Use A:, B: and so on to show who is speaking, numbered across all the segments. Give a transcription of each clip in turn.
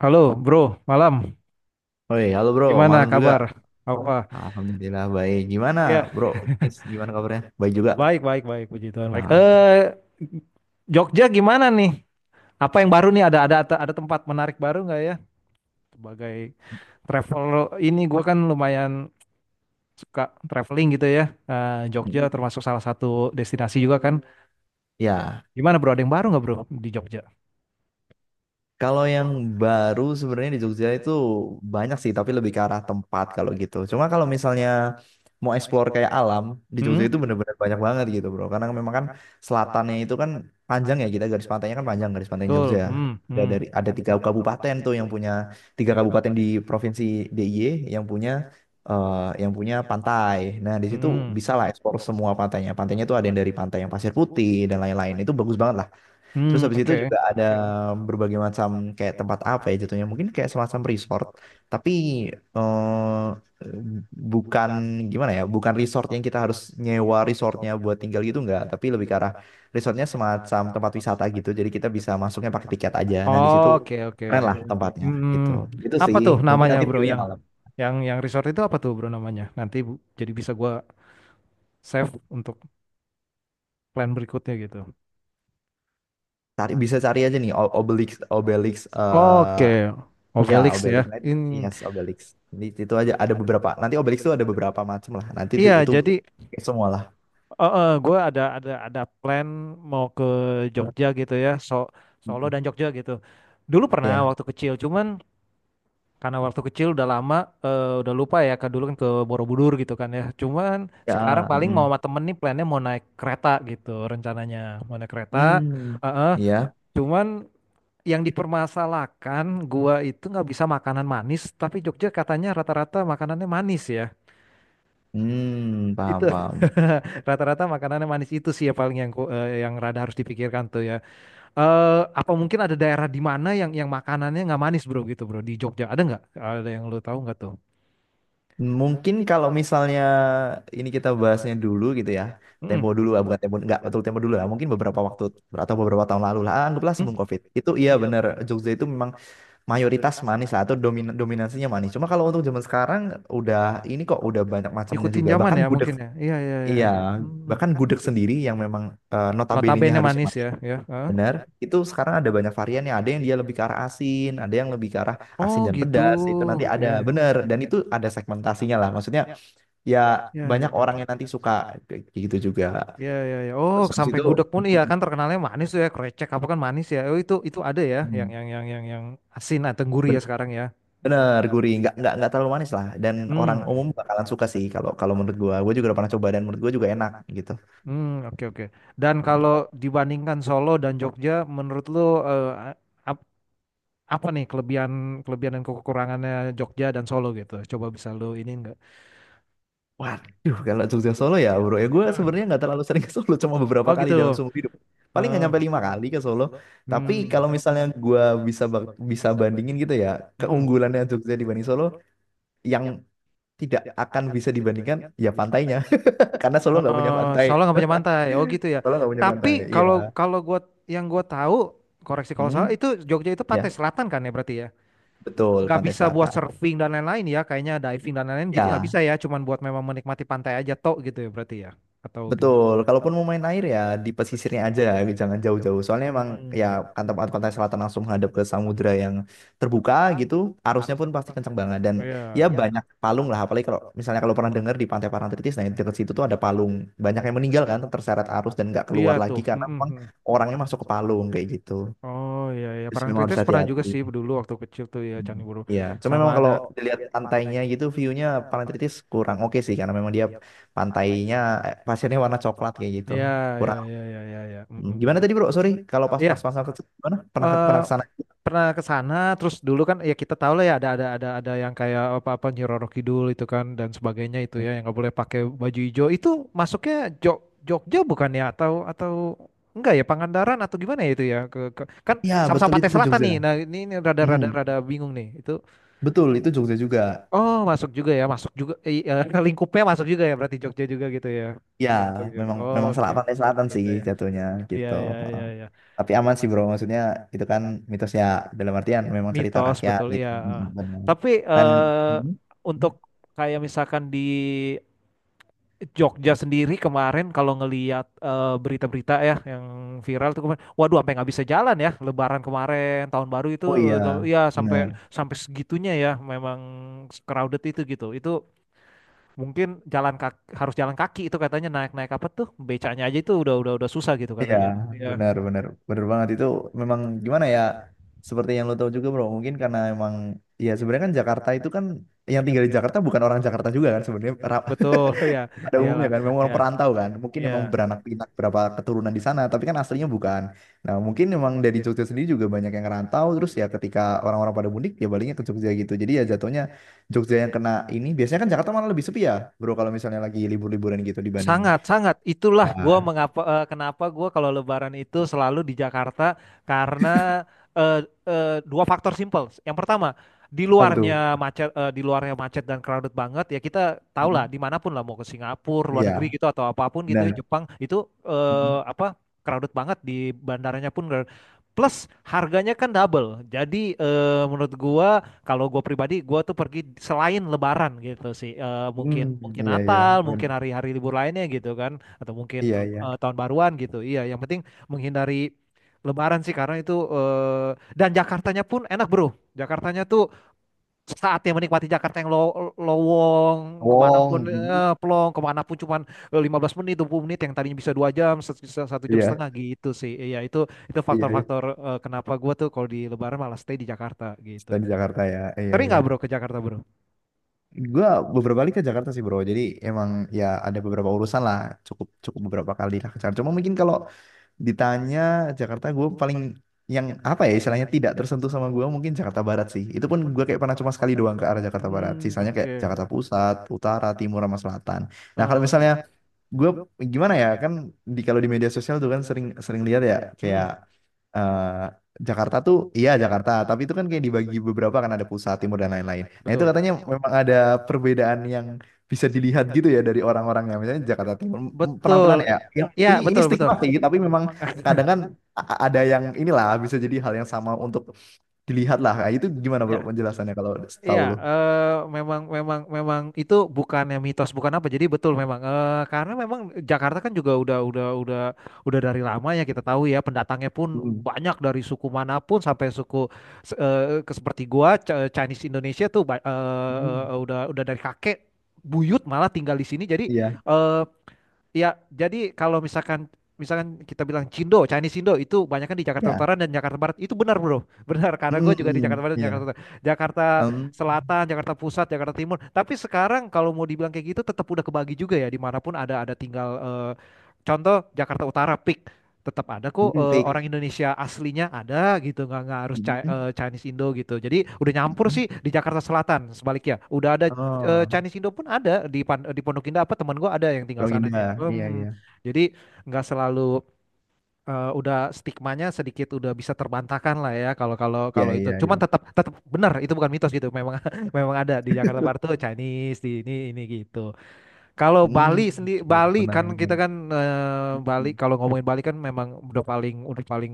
A: Halo, bro. Malam.
B: Woi, halo bro,
A: Gimana
B: malam juga.
A: kabar? Apa?
B: Alhamdulillah baik. Gimana
A: Iya,
B: bro? Nis, gimana kabarnya? Baik juga.
A: baik, baik, baik. Puji Tuhan, baik.
B: Nah,
A: Jogja gimana nih? Apa yang baru nih? Ada tempat menarik baru nggak ya? Sebagai travel ini, gue kan lumayan suka traveling gitu ya. Jogja
B: mm,
A: termasuk salah satu destinasi juga kan.
B: ya.
A: Gimana bro? Ada yang baru nggak bro di Jogja?
B: Kalau yang baru sebenarnya di Jogja itu banyak sih, tapi lebih ke arah tempat kalau gitu. Cuma kalau misalnya mau explore kayak alam, di Jogja
A: Hmm,
B: itu bener-bener banyak banget gitu bro. Karena memang kan selatannya itu kan panjang ya, kita garis pantainya kan panjang, garis pantai
A: betul.
B: Jogja.
A: Hmm,
B: Ada
A: hmm,
B: dari ada tiga kabupaten tuh yang punya tiga kabupaten di provinsi DIY yang punya eh, yang punya pantai. Nah di
A: hmm,
B: situ
A: hmm.
B: bisa lah explore semua pantainya. Pantainya tuh ada yang dari pantai yang pasir putih dan lain-lain. Itu bagus banget. Terus
A: Hmm,
B: habis itu
A: oke.
B: juga ada berbagai macam kayak tempat apa ya jatuhnya. Mungkin kayak semacam resort. Tapi eh, bukan gimana ya, bukan resort yang kita harus nyewa resortnya buat tinggal gitu enggak. Tapi lebih ke arah resortnya semacam tempat wisata gitu. Jadi kita bisa masuknya pakai tiket aja. Nah di situ
A: Oke, oke.
B: keren lah tempatnya
A: Hmm,
B: gitu. Gitu
A: apa
B: sih.
A: tuh
B: Mungkin
A: namanya,
B: nanti
A: Bro?
B: view-nya
A: Yang
B: alam.
A: yang yang resort itu apa tuh, Bro, namanya? Jadi bisa gua save untuk plan berikutnya gitu.
B: Bisa cari aja nih Obelix, Obelix eh,
A: Oke. Oh,
B: ya,
A: Felix
B: Obelix.
A: ya.
B: Nah,
A: Ini
B: yes, Obelix. Di situ aja ada beberapa. Nanti Obelix tuh ada beberapa macam lah. Nanti itu,
A: iya,
B: itu
A: jadi
B: pakai semua lah.
A: gua ada plan mau ke Jogja gitu ya. Solo
B: Mhm.
A: dan Jogja gitu. Dulu pernah
B: Ya,
A: waktu kecil, cuman karena waktu kecil udah lama, udah lupa ya, kan dulu kan ke Borobudur gitu kan ya. Cuman sekarang
B: ya,
A: paling mau
B: mm.
A: sama temen nih plannya mau naik kereta gitu rencananya. Mau naik kereta.
B: Hmm,
A: Heeh.
B: ya,
A: Cuman yang dipermasalahkan gua itu nggak bisa makanan manis, tapi Jogja katanya rata-rata makanannya manis ya.
B: hmm,
A: Itu
B: paham, paham.
A: rata-rata makanannya manis itu sih ya paling yang yang rada harus dipikirkan tuh ya. Apa mungkin ada daerah di mana yang makanannya nggak manis bro gitu bro di Jogja ada nggak? Ada yang lu tahu nggak tuh?
B: Mungkin kalau misalnya ini kita bahasnya dulu gitu ya, tempo
A: Mm-mm.
B: dulu, ah, bukan tempo, nggak betul tempo dulu lah. Mungkin beberapa waktu atau beberapa tahun lalu lah, ah, anggaplah
A: Hmm?
B: sebelum COVID. Itu iya
A: Hmm.
B: bener, Jogja itu memang mayoritas manis lah atau dominasinya manis. Cuma kalau untuk zaman sekarang udah ini kok udah banyak macamnya
A: Ngikutin
B: juga.
A: zaman
B: Bahkan
A: ya
B: gudeg
A: mungkin ya. Iya, iya, iya,
B: Iya,
A: iya. Hmm.
B: bahkan gudeg sendiri yang memang notabene-nya
A: Notabene
B: harus
A: manis ya,
B: manis,
A: ya. Hah?
B: benar. Itu sekarang ada banyak varian ya. Ada yang dia lebih ke arah asin, ada yang lebih ke arah asin
A: Oh
B: dan
A: gitu.
B: pedas. Itu nanti ada,
A: Iya,
B: benar. Dan itu ada segmentasinya lah. Maksudnya ya
A: iya, iya,
B: banyak orang
A: iya.
B: yang nanti suka kayak gitu juga.
A: Iya, iya, iya. Oh,
B: Terus habis
A: sampai
B: itu
A: gudeg pun iya kan terkenalnya manis tuh ya, krecek apa kan manis ya. Oh itu ada ya yang
B: hmm,
A: yang yang yang yang asin atau gurih ya
B: ben-
A: sekarang ya.
B: bener gurih, nggak terlalu manis lah. Dan orang
A: Hmm.
B: umum bakalan suka sih kalau kalau menurut gua. Gua juga udah pernah coba dan menurut gua juga enak gitu.
A: Hmm, oke, oke. Dan kalau dibandingkan Solo dan Jogja menurut lu, eh, a- ap- apa nih kelebihan, kelebihan dan kekurangannya Jogja dan Solo gitu? Coba bisa lu ini enggak?
B: Waduh, kalau Jogja Solo ya bro, ya gue sebenarnya nggak terlalu sering ke Solo, cuma beberapa
A: Oh
B: kali dalam
A: gitu.
B: seumur hidup. Paling nggak
A: Eh,
B: nyampe lima kali ke Solo. Tapi
A: hmm.
B: kalau misalnya gue bisa bandingin gitu ya,
A: Mm-mm.
B: keunggulannya Jogja dibanding Solo, yang tidak akan bisa dibandingkan ya pantainya, karena Solo nggak punya
A: Eh,
B: pantai.
A: soalnya nggak punya pantai. Oh gitu ya.
B: Solo nggak punya pantai,
A: Tapi
B: iya.
A: kalau kalau gua yang gua tahu, koreksi kalau
B: Hmm?
A: salah itu Jogja itu
B: Ya,
A: pantai selatan kan ya berarti ya.
B: betul,
A: Nggak
B: Pantai
A: bisa buat
B: Selatan.
A: surfing dan lain-lain ya. Kayaknya diving dan lain-lain gitu nggak
B: Ya,
A: bisa ya. Cuman buat memang menikmati pantai aja tok gitu ya berarti ya. Atau gimana?
B: betul, kalaupun mau main air ya di pesisirnya aja, jangan jauh-jauh. Soalnya emang ya
A: Hmm.
B: kan tempat pantai selatan langsung menghadap ke samudra yang terbuka gitu, arusnya pun pasti kencang banget dan
A: Oh
B: ya
A: ya.
B: banyak palung lah. Apalagi kalau misalnya kalau pernah dengar di Pantai Parangtritis, nah di dekat situ tuh ada palung, banyak yang meninggal kan terseret arus dan nggak
A: Iya
B: keluar
A: tuh.
B: lagi karena memang
A: Mm-mm.
B: orangnya masuk ke palung kayak gitu.
A: Oh iya ya.
B: Terus memang harus
A: Parangtritis pernah juga sih
B: hati-hati.
A: dulu waktu kecil tuh ya
B: Hmm.
A: Candi Borobudur.
B: Iya, cuma
A: Sama
B: memang
A: ada.
B: kalau dilihat pantainya gitu, view-nya Parangtritis kurang oke sih karena memang dia pantainya pasirnya warna coklat kayak gitu
A: Ya, ya,
B: kurang.
A: ya, ya, ya, ya.
B: Hmm, gimana tadi bro? Sorry, kalau pas pas
A: Iya.
B: pas ke gimana? Pernah
A: eh,
B: kesana.
A: pernah ke sana terus dulu kan ya kita tahu lah ya ada yang kayak apa-apa Nyi Roro Kidul itu kan dan sebagainya itu ya yang nggak boleh pakai baju hijau itu masuknya Jog Jogja bukan ya, atau enggak ya Pangandaran atau gimana ya itu ya, kan
B: Ya,
A: sama-sama
B: betul
A: Pantai
B: itu
A: Selatan
B: Jogja.
A: nih. Nah ini, rada
B: Hmm,
A: rada rada bingung nih itu.
B: betul itu Jogja juga.
A: Oh masuk juga ya, masuk juga, lingkupnya masuk juga ya berarti Jogja juga gitu ya,
B: Ya,
A: Jogja.
B: memang memang
A: Oke,
B: pantai selatan sih
A: agenda ya.
B: jatuhnya
A: Iya,
B: gitu.
A: iya,
B: Heeh.
A: iya, iya.
B: Tapi aman sih bro, maksudnya itu kan mitosnya dalam artian memang cerita
A: Mitos
B: rakyat
A: betul
B: gitu.
A: iya.
B: Mm, mm, benar.
A: Tapi
B: Dan, hmm?
A: untuk kayak misalkan di Jogja sendiri kemarin kalau ngeliat berita-berita ya yang viral tuh kemarin, waduh sampai nggak bisa jalan ya Lebaran kemarin, tahun baru itu,
B: Oh, iya
A: tuh, ya
B: benar.
A: sampai sampai segitunya ya memang crowded itu gitu. Itu mungkin jalan kaki, harus jalan kaki itu katanya, naik-naik apa tuh becanya aja itu udah susah gitu
B: Iya,
A: katanya. Ya
B: benar, benar, benar banget itu memang gimana ya? Seperti yang lo tahu juga, bro. Mungkin karena emang ya sebenarnya kan Jakarta itu kan yang tinggal di Jakarta bukan orang Jakarta juga kan sebenarnya
A: betul ya
B: pada
A: iyalah
B: umumnya kan memang
A: ya
B: orang perantau kan. Mungkin
A: ya.
B: emang beranak pinak berapa keturunan di sana, tapi kan aslinya bukan. Nah, mungkin emang dari Jogja sendiri juga banyak yang rantau terus ya ketika orang-orang pada mudik ya baliknya ke Jogja gitu. Jadi ya jatuhnya Jogja yang kena ini biasanya kan Jakarta malah lebih sepi ya, bro. Kalau misalnya lagi libur-liburan gitu dibanding
A: Sangat, sangat. Itulah gua
B: ya,
A: mengapa, kenapa gua kalau Lebaran itu selalu di Jakarta. Karena eh, dua faktor simple. Yang pertama,
B: apa tuh?
A: di luarnya macet dan crowded banget, ya kita tahu lah
B: Mhm.
A: dimanapun lah mau ke Singapura, luar negeri
B: Iya,
A: gitu atau apapun gitu ya,
B: benar.
A: Jepang itu apa, crowded banget di bandaranya pun. Crowded. Plus harganya kan double. Jadi menurut gua, kalau gue pribadi, gue tuh pergi selain Lebaran gitu sih. Eh, mungkin
B: Hmm,
A: mungkin
B: iya, iya,
A: Natal,
B: ben,
A: mungkin hari-hari libur lainnya gitu kan, atau mungkin
B: iya, iya.
A: tahun baruan gitu. Iya, yang penting menghindari Lebaran sih karena itu, dan Jakartanya pun enak bro. Jakartanya tuh saatnya menikmati Jakarta yang lowong
B: Wong,
A: kemanapun,
B: hmm,
A: plong kemanapun, cuman 15 menit, 20 menit yang tadinya bisa dua jam, satu jam
B: iya,
A: setengah gitu sih. Iya itu,
B: iya. Iya.
A: faktor-faktor kenapa gue tuh kalau di Lebaran malah stay di Jakarta gitu.
B: Kita di Jakarta ya, iya,
A: Sering
B: iya.
A: nggak bro ke Jakarta bro?
B: Gua beberapa kali ke Jakarta sih bro, jadi emang ya ada beberapa urusan lah, cukup cukup beberapa kali lah ke Jakarta. Cuma mungkin kalau ditanya Jakarta, gue paling yang apa ya istilahnya tidak tersentuh sama gue mungkin Jakarta Barat sih. Itu pun gue kayak pernah cuma sekali doang ke arah Jakarta Barat.
A: Hmm,
B: Sisanya kayak
A: oke.
B: Jakarta Pusat, Utara, Timur, sama Selatan. Nah kalau
A: Oh, oke.
B: misalnya gue gimana ya kan kalau di media sosial tuh kan sering sering lihat ya kayak
A: Hmm,
B: eh, Jakarta tuh iya Jakarta tapi itu kan kayak dibagi beberapa kan ada pusat timur dan lain-lain, nah itu
A: betul.
B: katanya memang ada perbedaan yang bisa dilihat gitu ya dari orang-orangnya. Misalnya Jakarta Timur,
A: Betul.
B: penampilannya ya
A: Ya,
B: ini
A: betul, betul.
B: stigma sih tapi memang kadang kan ada yang inilah bisa jadi hal yang sama untuk dilihat lah. Nah, itu gimana bro
A: Ya
B: penjelasannya kalau tahu
A: iya,
B: lo?
A: memang, memang, memang itu bukannya mitos, bukan apa. Jadi betul memang, karena memang Jakarta kan juga udah dari lama ya, kita tahu ya pendatangnya pun
B: Hmm.
A: banyak dari suku manapun, sampai suku seperti gua, Chinese Indonesia tuh
B: Hmm.
A: udah dari kakek buyut malah tinggal di sini. Jadi
B: Iya,
A: eh, ya jadi, kalau misalkan, kita bilang Cindo, Chinese Indo itu banyak kan di Jakarta
B: ya.
A: Utara dan Jakarta Barat. Itu benar, Bro. Benar, karena gue
B: Hmm,
A: juga di Jakarta
B: hmm,
A: Barat dan Jakarta
B: iya.
A: Utara. Jakarta
B: Um,
A: Selatan, Jakarta Pusat, Jakarta Timur. Tapi sekarang kalau mau dibilang kayak gitu, tetap udah kebagi juga ya. Dimanapun ada tinggal, contoh Jakarta Utara peak, tetap ada kok
B: kayak
A: orang Indonesia aslinya, ada gitu, nggak harus
B: ini kan?
A: Chinese Indo gitu. Jadi udah nyampur
B: Mhm.
A: sih. Di Jakarta Selatan sebaliknya udah ada,
B: Oh,
A: Chinese Indo pun ada di di Pondok Indah, apa teman gue ada yang tinggal sana
B: Rohingya.
A: gitu.
B: Iya,
A: Hmm,
B: iya.
A: jadi nggak selalu, udah stigmanya sedikit udah bisa terbantahkan lah ya, kalau kalau
B: Iya,
A: kalau itu.
B: iya,
A: Cuman
B: iya.
A: tetap tetap benar itu bukan mitos gitu. Memang memang ada di Jakarta Barat tuh Chinese di ini gitu. Kalau
B: Hmm,
A: Bali sendiri,
B: iya,
A: Bali
B: menarik,
A: kan kita
B: menarik.
A: kan,
B: Mhm.
A: Bali kalau ngomongin Bali kan memang udah paling, udah paling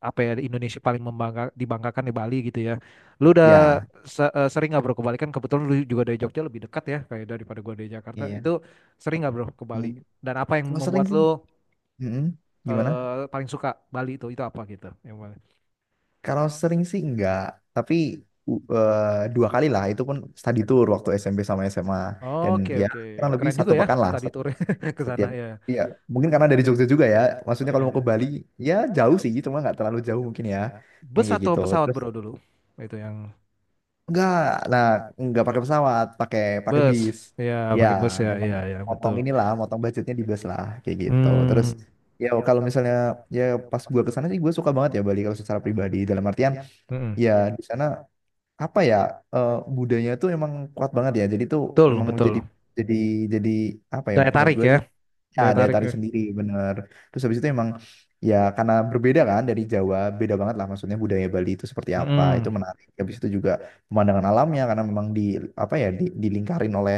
A: apa ya, di Indonesia paling membangga, dibanggakan di Bali gitu ya. Lu udah
B: Ya,
A: sering nggak bro ke Bali, kan kebetulan lu juga dari Jogja lebih dekat ya, kayak daripada gua dari Jakarta.
B: iya.
A: Itu sering nggak bro ke Bali?
B: Hmm,
A: Dan apa yang
B: kalau sering
A: membuat
B: sih,
A: lu,
B: mhm. Gimana?
A: paling suka Bali itu apa gitu? Yang mana?
B: Kalau sering sih enggak, tapi dua kali lah. Itu pun study tour waktu SMP sama SMA. Dan
A: Oke,
B: ya,
A: oke ya.
B: kurang lebih
A: Keren juga
B: satu
A: ya
B: pekan lah
A: study tour
B: setiap.
A: ke sana
B: setiap
A: ya.
B: Iya, mungkin karena dari Jogja juga ya. Maksudnya kalau mau ke
A: Ya.
B: Bali, ya jauh sih, cuma nggak terlalu jauh mungkin ya. Yang
A: Bus
B: kayak
A: atau
B: gitu.
A: pesawat
B: Terus,
A: bro dulu? Itu yang
B: enggak, nah enggak pakai pesawat, pakai pakai
A: bus,
B: bis.
A: ya
B: Ya,
A: pakai bus ya,
B: emang
A: iya ya
B: motong
A: betul.
B: inilah, motong budgetnya di bis lah, kayak gitu. Terus
A: Hmm,
B: ya kalau misalnya ya pas gua ke sana sih gua suka banget ya Bali kalau secara pribadi dalam artian
A: mm-mm.
B: ya di sana apa ya budayanya tuh emang kuat banget ya. Jadi tuh
A: Betul,
B: emang
A: betul.
B: jadi jadi apa ya
A: Daya
B: menurut
A: tarik
B: gua
A: ya,
B: sih. Ya,
A: daya
B: daya
A: tarik.
B: tarik
A: Ya.
B: sendiri, bener. Terus habis itu emang ya karena berbeda kan dari Jawa, beda banget lah maksudnya budaya Bali itu seperti apa,
A: Mm-mm.
B: itu menarik. Habis itu juga pemandangan alamnya karena memang di apa ya dilingkarin oleh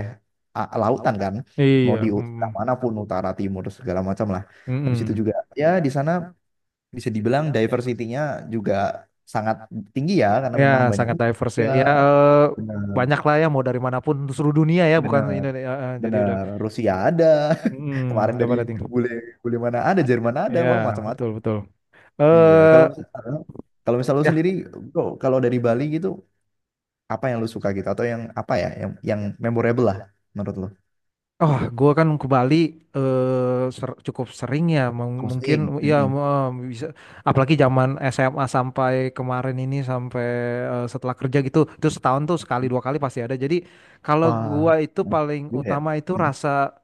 B: lautan kan,
A: Iya,
B: mau di
A: mm-mm.
B: manapun utara, timur segala macam lah. Habis itu
A: Mm-mm.
B: juga ya di sana bisa dibilang diversity-nya juga sangat tinggi ya karena
A: Ya,
B: memang banyak
A: sangat diverse
B: juga.
A: ya. Ya,
B: Bener,
A: banyak lah ya, mau dari manapun seluruh dunia ya, bukan
B: bener,
A: Indonesia. Eh. Jadi
B: bener.
A: udah,
B: Rusia ada. Kemarin
A: udah
B: dari
A: pada tinggal.
B: bule bule mana ada, Jerman ada,
A: Ya
B: wah macam-macam.
A: betul, betul.
B: Iya,
A: Eh
B: kalau misal lu sendiri, bro, kalau dari Bali gitu, apa yang lu suka gitu atau yang apa ya, yang memorable lah menurut lu?
A: Oh, gue kan ke Bali, cukup sering ya,
B: Muslim.
A: mungkin ya,
B: Mm-mm.
A: bisa. Apalagi zaman SMA sampai kemarin ini, sampai setelah kerja gitu, itu setahun tuh sekali dua kali pasti ada. Jadi kalau
B: Wah,
A: gua itu
B: mm,
A: paling
B: juga ya.
A: utama itu,
B: Mm.
A: rasa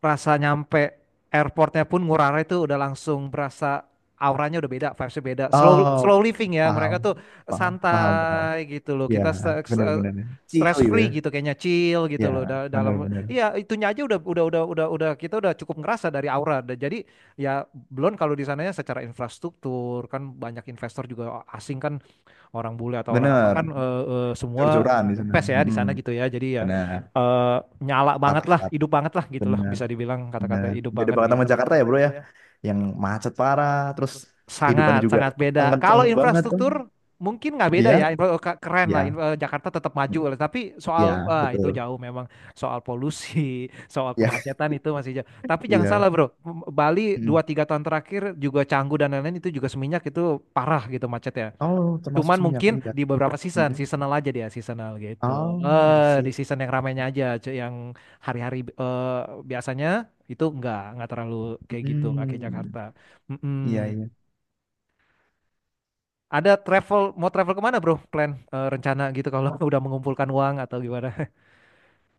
A: rasa nyampe airportnya pun Ngurah Rai itu udah langsung berasa auranya udah beda, vibesnya beda. Slow slow
B: Oh,
A: living ya, mereka
B: paham,
A: tuh
B: paham, paham, paham.
A: santai gitu loh.
B: Ya,
A: Kita
B: benar-benar. Chill
A: stress
B: gitu.
A: free gitu kayaknya, chill gitu loh.
B: Ya,
A: Dalam
B: benar-benar.
A: iya itunya aja udah, kita udah cukup ngerasa dari aura. Dan jadi, ya belum kalau di sananya secara infrastruktur kan banyak investor juga asing kan, orang bule atau orang apa kan,
B: Benar,
A: semua
B: jor-joran di sana.
A: impes ya di
B: Mm-mm.
A: sana gitu, ya jadi ya,
B: Benar,
A: eh, nyala banget
B: status
A: lah,
B: status.
A: hidup banget lah gitu lah,
B: Benar,
A: bisa dibilang kata-kata
B: benar.
A: hidup
B: Beda
A: banget
B: banget sama
A: gitu.
B: Jakarta ya, bro ya. Yang macet parah, terus kehidupannya
A: Sangat,
B: juga
A: sangat beda
B: kenceng
A: kalau
B: banget.
A: infrastruktur, mungkin nggak beda
B: Iya,
A: ya, oh, keren
B: iya,
A: lah. Jakarta tetap maju lah. Tapi
B: iya,
A: soal
B: betul.
A: itu jauh memang, soal polusi soal
B: Iya,
A: kemacetan itu masih jauh. Tapi jangan salah
B: iya.
A: bro, Bali dua
B: Mm.
A: tiga tahun terakhir juga, Canggu dan lain-lain itu juga, Seminyak itu parah gitu, macet ya.
B: Oh, termasuk
A: Cuman
B: Seminyak
A: mungkin
B: iya.
A: di beberapa season,
B: Mm.
A: seasonal aja dia, seasonal gitu.
B: Oh, I
A: Di
B: see.
A: season yang ramainya aja, yang hari-hari, biasanya itu nggak terlalu kayak gitu, nggak kayak
B: Hmm,
A: Jakarta.
B: iya,
A: Mm-mm.
B: iya.
A: Ada travel, mau travel kemana bro? Plan, rencana gitu, kalau udah mengumpulkan uang atau gimana?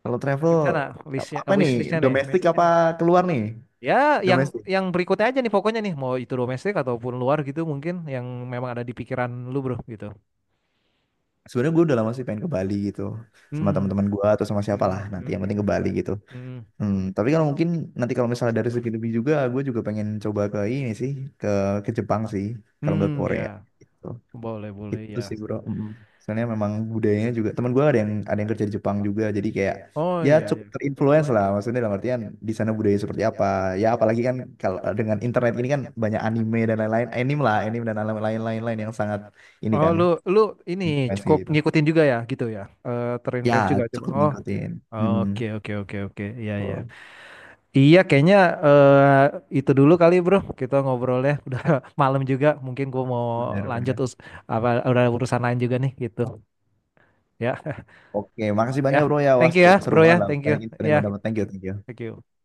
B: Kalau travel,
A: Rencana
B: kalau
A: listnya,
B: apa nih?
A: wish listnya nih.
B: Domestik apa keluar nih?
A: Ya, yang
B: Domestik.
A: yang berikutnya aja nih pokoknya nih, mau itu domestik ataupun luar gitu, mungkin yang memang ada di pikiran lu bro gitu.
B: Sebenarnya gue udah lama sih pengen ke Bali gitu, sama
A: Hmm,
B: teman-teman gue atau sama siapa lah
A: hmm,
B: nanti
A: hmm,
B: yang penting ke Bali gitu.
A: hmm,
B: Hmm, tapi kalau mungkin nanti kalau misalnya dari segi lebih juga, gue juga pengen coba ke ini sih, ke ke Jepang sih, kalau nggak
A: hmm, ya.
B: Korea. Gitu.
A: Boleh, boleh
B: Gitu
A: ya.
B: sih bro. Mm. Soalnya memang budayanya juga. Teman gue ada yang kerja di Jepang juga. Jadi kayak
A: Oh
B: ya
A: iya ya.
B: cukup terinfluence lah. Maksudnya dalam artian di sana budaya seperti apa. Ya apalagi kan kalau dengan internet ini kan banyak anime dan lain-lain. Anime lah, anime dan lain-lain yang sangat ini
A: Oh
B: kan
A: lu lu ini
B: influence
A: cukup
B: kayak gitu.
A: ngikutin juga ya gitu ya. Eh
B: Ya
A: terinfluence juga coba.
B: cukup
A: Oh,
B: ngikutin. Mm.
A: oke, oke, oke, oke. Iya, iya.
B: Oh,
A: Iya kayaknya eh itu dulu kali bro. Kita ngobrolnya udah malam juga. Mungkin gua mau lanjut
B: benar-benar.
A: apa, udah urusan lain juga nih gitu. Ya,
B: Oke, makasih
A: ya.
B: banyak bro ya. Wah
A: Thank you
B: seru,
A: ya
B: seru
A: bro ya.
B: banget lah.
A: Thank you.
B: Banyak info yang gue
A: Ya,
B: dapat. Thank you, thank you.
A: thank you.